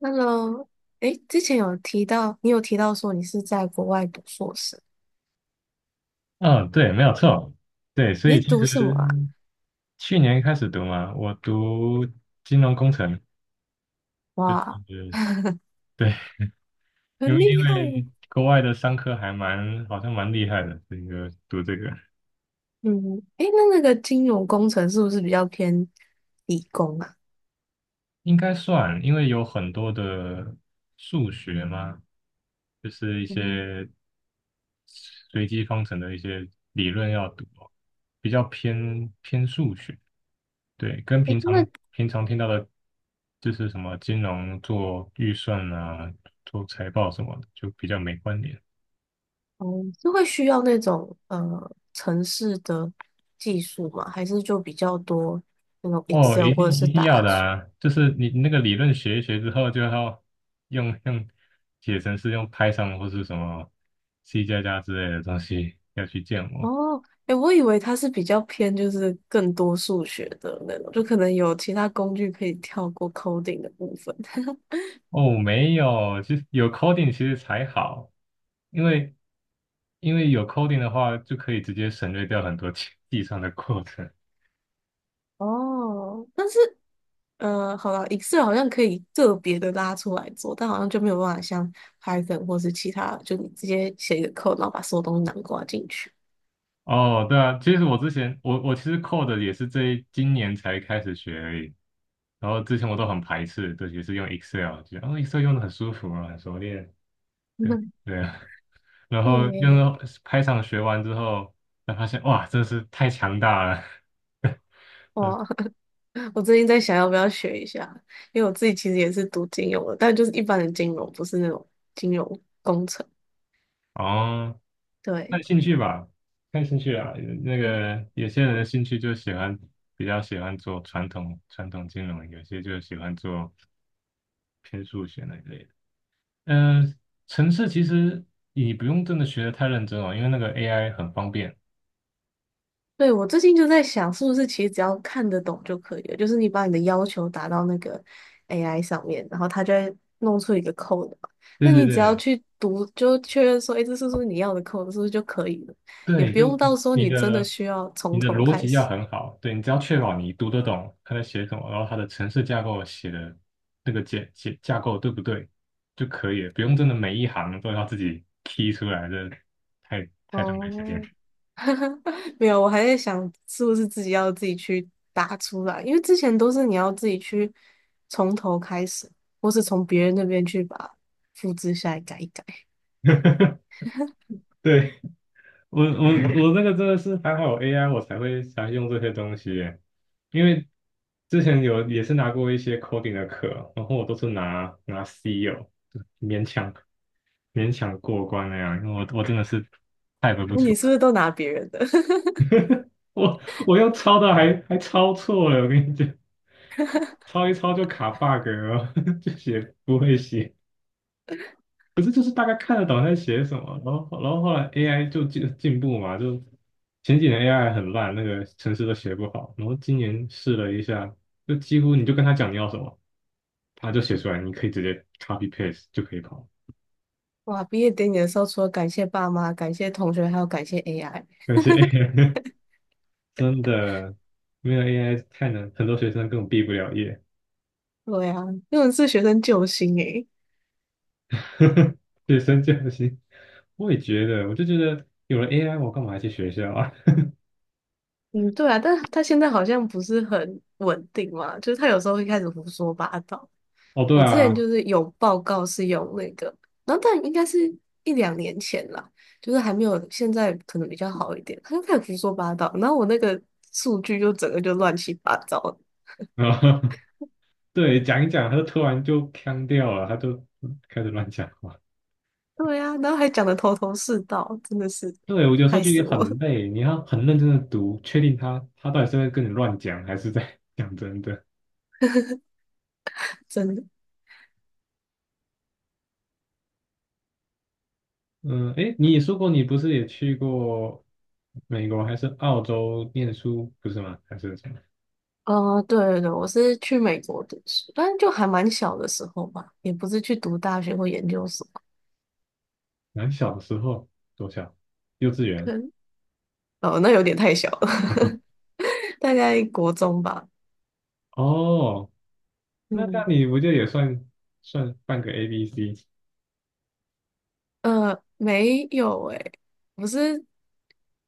Hello，哎，之前有提到，你有提到说你是在国外读硕士，嗯，对，没有错，对，所你以是其读实什么啊？去年开始读嘛，我读金融工程，就哇，是对，因很为因厉害耶。为国外的商科还蛮好像蛮厉害的，这个读这个嗯，哎，那个金融工程是不是比较偏理工啊？应该算，因为有很多的数学嘛，就是一嗯，些随机方程的一些理论要读哦，比较偏数学，对，跟哎，平那常平常听到的，就是什么金融做预算啊、做财报什么的，就比较没关联。哦，是会需要那种呃城市的技术吗？还是就比较多那种 哦，Excel 一或者定是一定要打的字？啊！就是你那个理论学一学之后，就要用用写成是用 Python 或是什么 C 加加之类的东西要去建模。哦，哎，我以为它是比较偏就是更多数学的那种，就可能有其他工具可以跳过 coding 的部分。哦，没有，其实有 coding 其实才好，因为因为有 coding 的话，就可以直接省略掉很多 计算的过程。哦，但是好了，Excel 好像可以个别的拉出来做，但好像就没有办法像 Python 或是其他，就你直接写一个 code，然后把所有东西囊括进去。哦，对啊，其实我之前我其实 code 也是今年才开始学而已，然后之前我都很排斥，对，也是用 Excel，觉得哦 Excel 用的很舒服啊，很熟练，对 对啊，然后对，用到开场学完之后，才发现哇，真是太强大了，对，哇，我最近在想要不要学一下，因为我自己其实也是读金融的，但就是一般的金融，不是那种金融工程。哦，看对，兴趣吧，看兴趣啊，那个有些人的兴趣就喜欢比较喜欢做传统金融，有些就喜欢做偏数学那一类的。呃，程式其实你不用真的学的太认真哦，因为那个 AI 很方便。对，我最近就在想，是不是其实只要看得懂就可以了？就是你把你的要求打到那个 AI 上面，然后它就会弄出一个 code 嘛对那对你只要对去读，就确认说，哎，这是不是你要的 code，是不是就可以了？也对，不就用到时候你你真的的需要从你的头逻开辑要始。很好，对你只要确保你读得懂他在写什么，然后他的程式架构写的那个架构对不对就可以了，不用真的每一行都要自己 key 出来，的，太太浪费时间。哦，没有，我还在想是不是自己要自己去打出来，因为之前都是你要自己去从头开始，或是从别人那边去把复制下来改一改。对，我这个真的是还好有 AI 我才会才用这些东西耶因为之前有也是拿过一些 coding 的课，然后我都是拿 C 有勉强勉强过关那样，因为我真的是 type 不那出你是来，不是都拿别人的？我我用抄的还抄错了，我跟你讲，抄一抄就卡 bug 了，就写不会写。可是就是大概看得懂他在写什么，然后后来 AI 就进步嘛，就前几年 AI 很烂，那个程式都写不好，然后今年试了一下，就几乎你就跟他讲你要什么，他就写出来，你可以直接 copy paste 就可以跑。哇，毕业典礼的时候，除了感谢爸妈、感谢同学，还有感谢 AI。感谢 AI，真的没有 AI 太难，很多学生根本毕不了业。对啊，那种是学生救星诶。学生不行。我也觉得，我就觉得有了 AI，我干嘛还去学校啊？嗯，对啊，但他现在好像不是很稳定嘛，就是他有时候会开始胡说八道。哦，对我之前啊，就是有报告是用那个，然后但应该是一两年前啦，就是还没有现在可能比较好一点。他就开始胡说八道，然后我那个数据就整个就乱七八糟，啊对，讲一讲，他就突然就腔掉了，他就开始乱讲话。对呀、然后还讲的头头是道，真的是对，我有时候害就死也我了，很累，你要很认真的读，确定他他到底是在跟你乱讲，还是在 讲真的。真的。嗯，诶，你也说过你不是也去过美国还是澳洲念书，不是吗？还是什么？对对对，我是去美国读书，但是就还蛮小的时候吧，也不是去读大学或研究所，蛮小的时候，多小？幼稚可园。能哦，那有点太小了，大概国中吧。哦，那那嗯，你不就也算算半个 ABC？没有诶、我是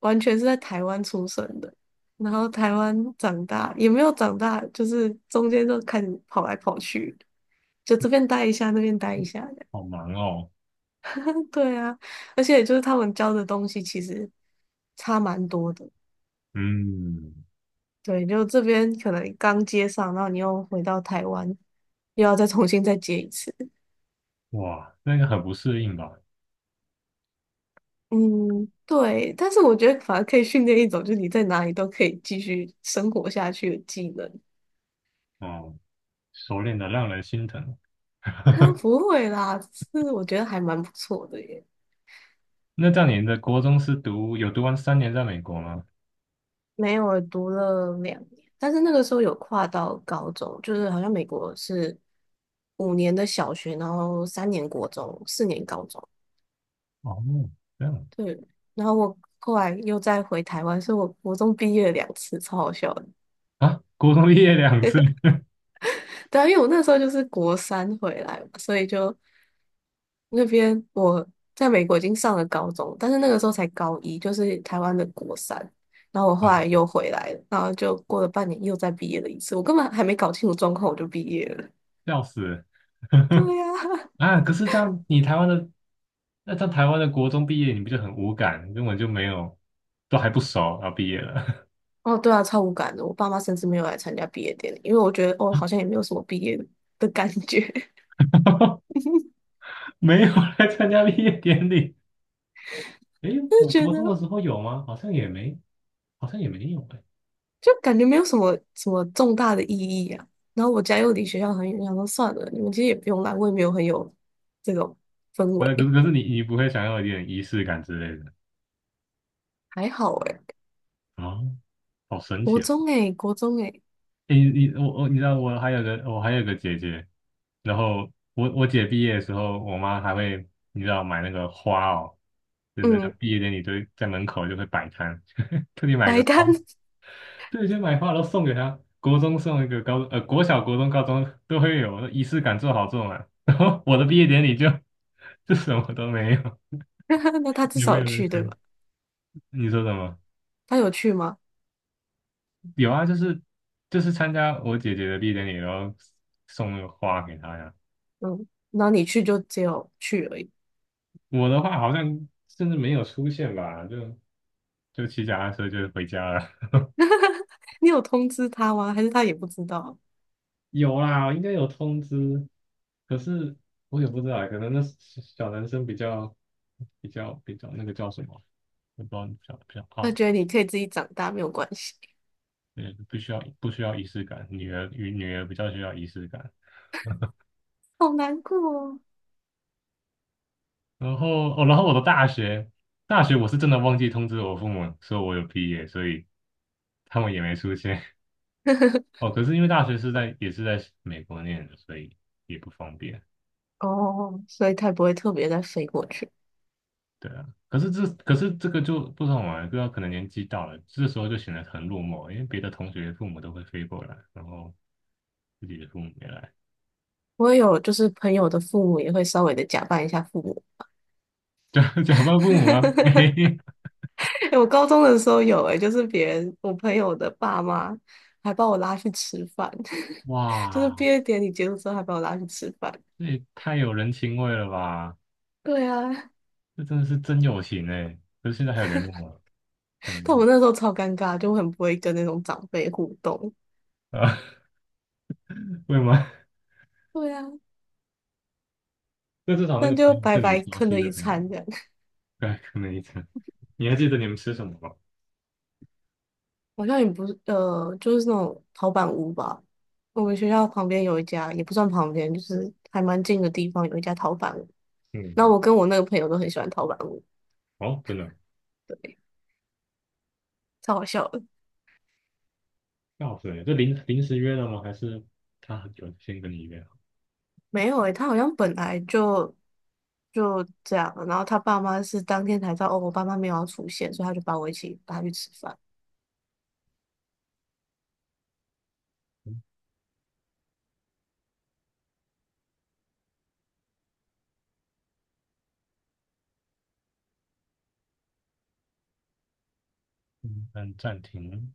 完全是在台湾出生的，然后台湾长大，也没有长大，就是中间就看跑来跑去，就这边待一下，那边待一下。好忙哦。对啊，而且就是他们教的东西其实差蛮多的。嗯，对，就这边可能刚接上，然后你又回到台湾，又要再重新再接一次。哇，那个很不适应吧？嗯，对。但是我觉得反而可以训练一种，就是你在哪里都可以继续生活下去的技能。哦。熟练的让人心疼。啊，不会啦，是我觉得还蛮不错的耶。那这样你的国中是读有读完3年在美国吗？没有，读了两年，但是那个时候有跨到高中，就是好像美国是五年的小学，然后三年国中，四年高中。哦，这样对，然后我后来又再回台湾，所以我国中毕业了两次，超好笑的。啊，国中毕业2次，对啊，因为我那时候就是国三回来嘛，所以就那边我在美国已经上了高中，但是那个时候才高一，就是台湾的国三。然后我后来又 回来了，然后就过了半年又再毕业了一次，我根本还没搞清楚状况我就毕业了。笑死对呀、啊！可是这样你台湾的那在台湾的国中毕业，你不就很无感，根本就没有，都还不熟，然后毕业了，哦对啊，超无感的。我爸妈甚至没有来参加毕业典礼，因为我觉得哦好像也没有什么毕业的感觉。没有来参加毕业典礼。诶，就我觉国中的得时候有吗？好像也没，好像也没有诶。就感觉没有什么重大的意义啊。然后我家又离学校很远，想说算了，你们其实也不用来，我也没有很有这种氛不是，可是围，可是你不会想要一点仪式感之类的还好诶、啊？好神国奇哦！中诶、国中诶、你我你知道我还有个姐姐，然后我姐毕业的时候，我妈还会你知道买那个花哦，真的，像嗯，毕业典礼都在门口就会摆摊，特地买个白花，干，对，就买花然后送给她，国中送一个，高呃国小、国中、高中都会有，仪式感做好做满。然后我的毕业典礼就什么都没有，那他 至有没少有有人去对生。吧？你说什么？他有去吗？有啊，就是参加我姐姐的毕业典礼，然后送那个花给她呀。嗯，然后你去就只有去而已，我的话好像甚至没有出现吧，就骑脚踏车就回家了。你有通知他吗？还是他也不知道？有啦，应该有通知，可是我也不知道，可能那小小男生比较比较那个叫什么，我不知道比较他傲，觉得你可以自己长大，没有关系，对，不需要仪式感，女儿与女儿比较需要仪式感。好难过哦。然后哦，然后我的大学我是真的忘记通知我父母说我有毕业，所以他们也没出现。哦，可是因为大学是在也是在美国念的，所以也不方便。哦，所以他也不会特别再飞过去。对啊，可是这个就不好玩，不知道可能年纪到了，这时候就显得很落寞，因为别的同学父母都会飞过来，然后自己的父母没来，我也有，就是朋友的父母也会稍微的假扮一下父母。假 假扮父母吗？没，欸我高中的时候有、诶，就是别人我朋友的爸妈还把我拉去吃饭，就是哇，毕业典礼结束之后还把我拉去吃饭。这也太有人情味了吧！对啊，这真的是真友情哎。可是现在还有联络吗？但我嗯那时候超尴尬，就很不会跟那种长辈互动。啊，会吗？对啊，那至少那但个朋就友白是你白熟坑悉了的一朋友，餐这样。对，可能一层。你还记得你们吃什么吗？好像也不是，就是那种陶板屋吧。我们学校旁边有一家，也不算旁边，就是还蛮近的地方，有一家陶板嗯，那嗯我跟我那个朋友都很喜欢陶板屋，哦，真的哦。对，超好笑的。要死这临时约的吗？还是他有先跟你约好？没有诶、他好像本来就就这样了然后他爸妈是当天才知道哦，我爸妈没有要出现，所以他就把我一起带他去吃饭。嗯，嗯，按暂停。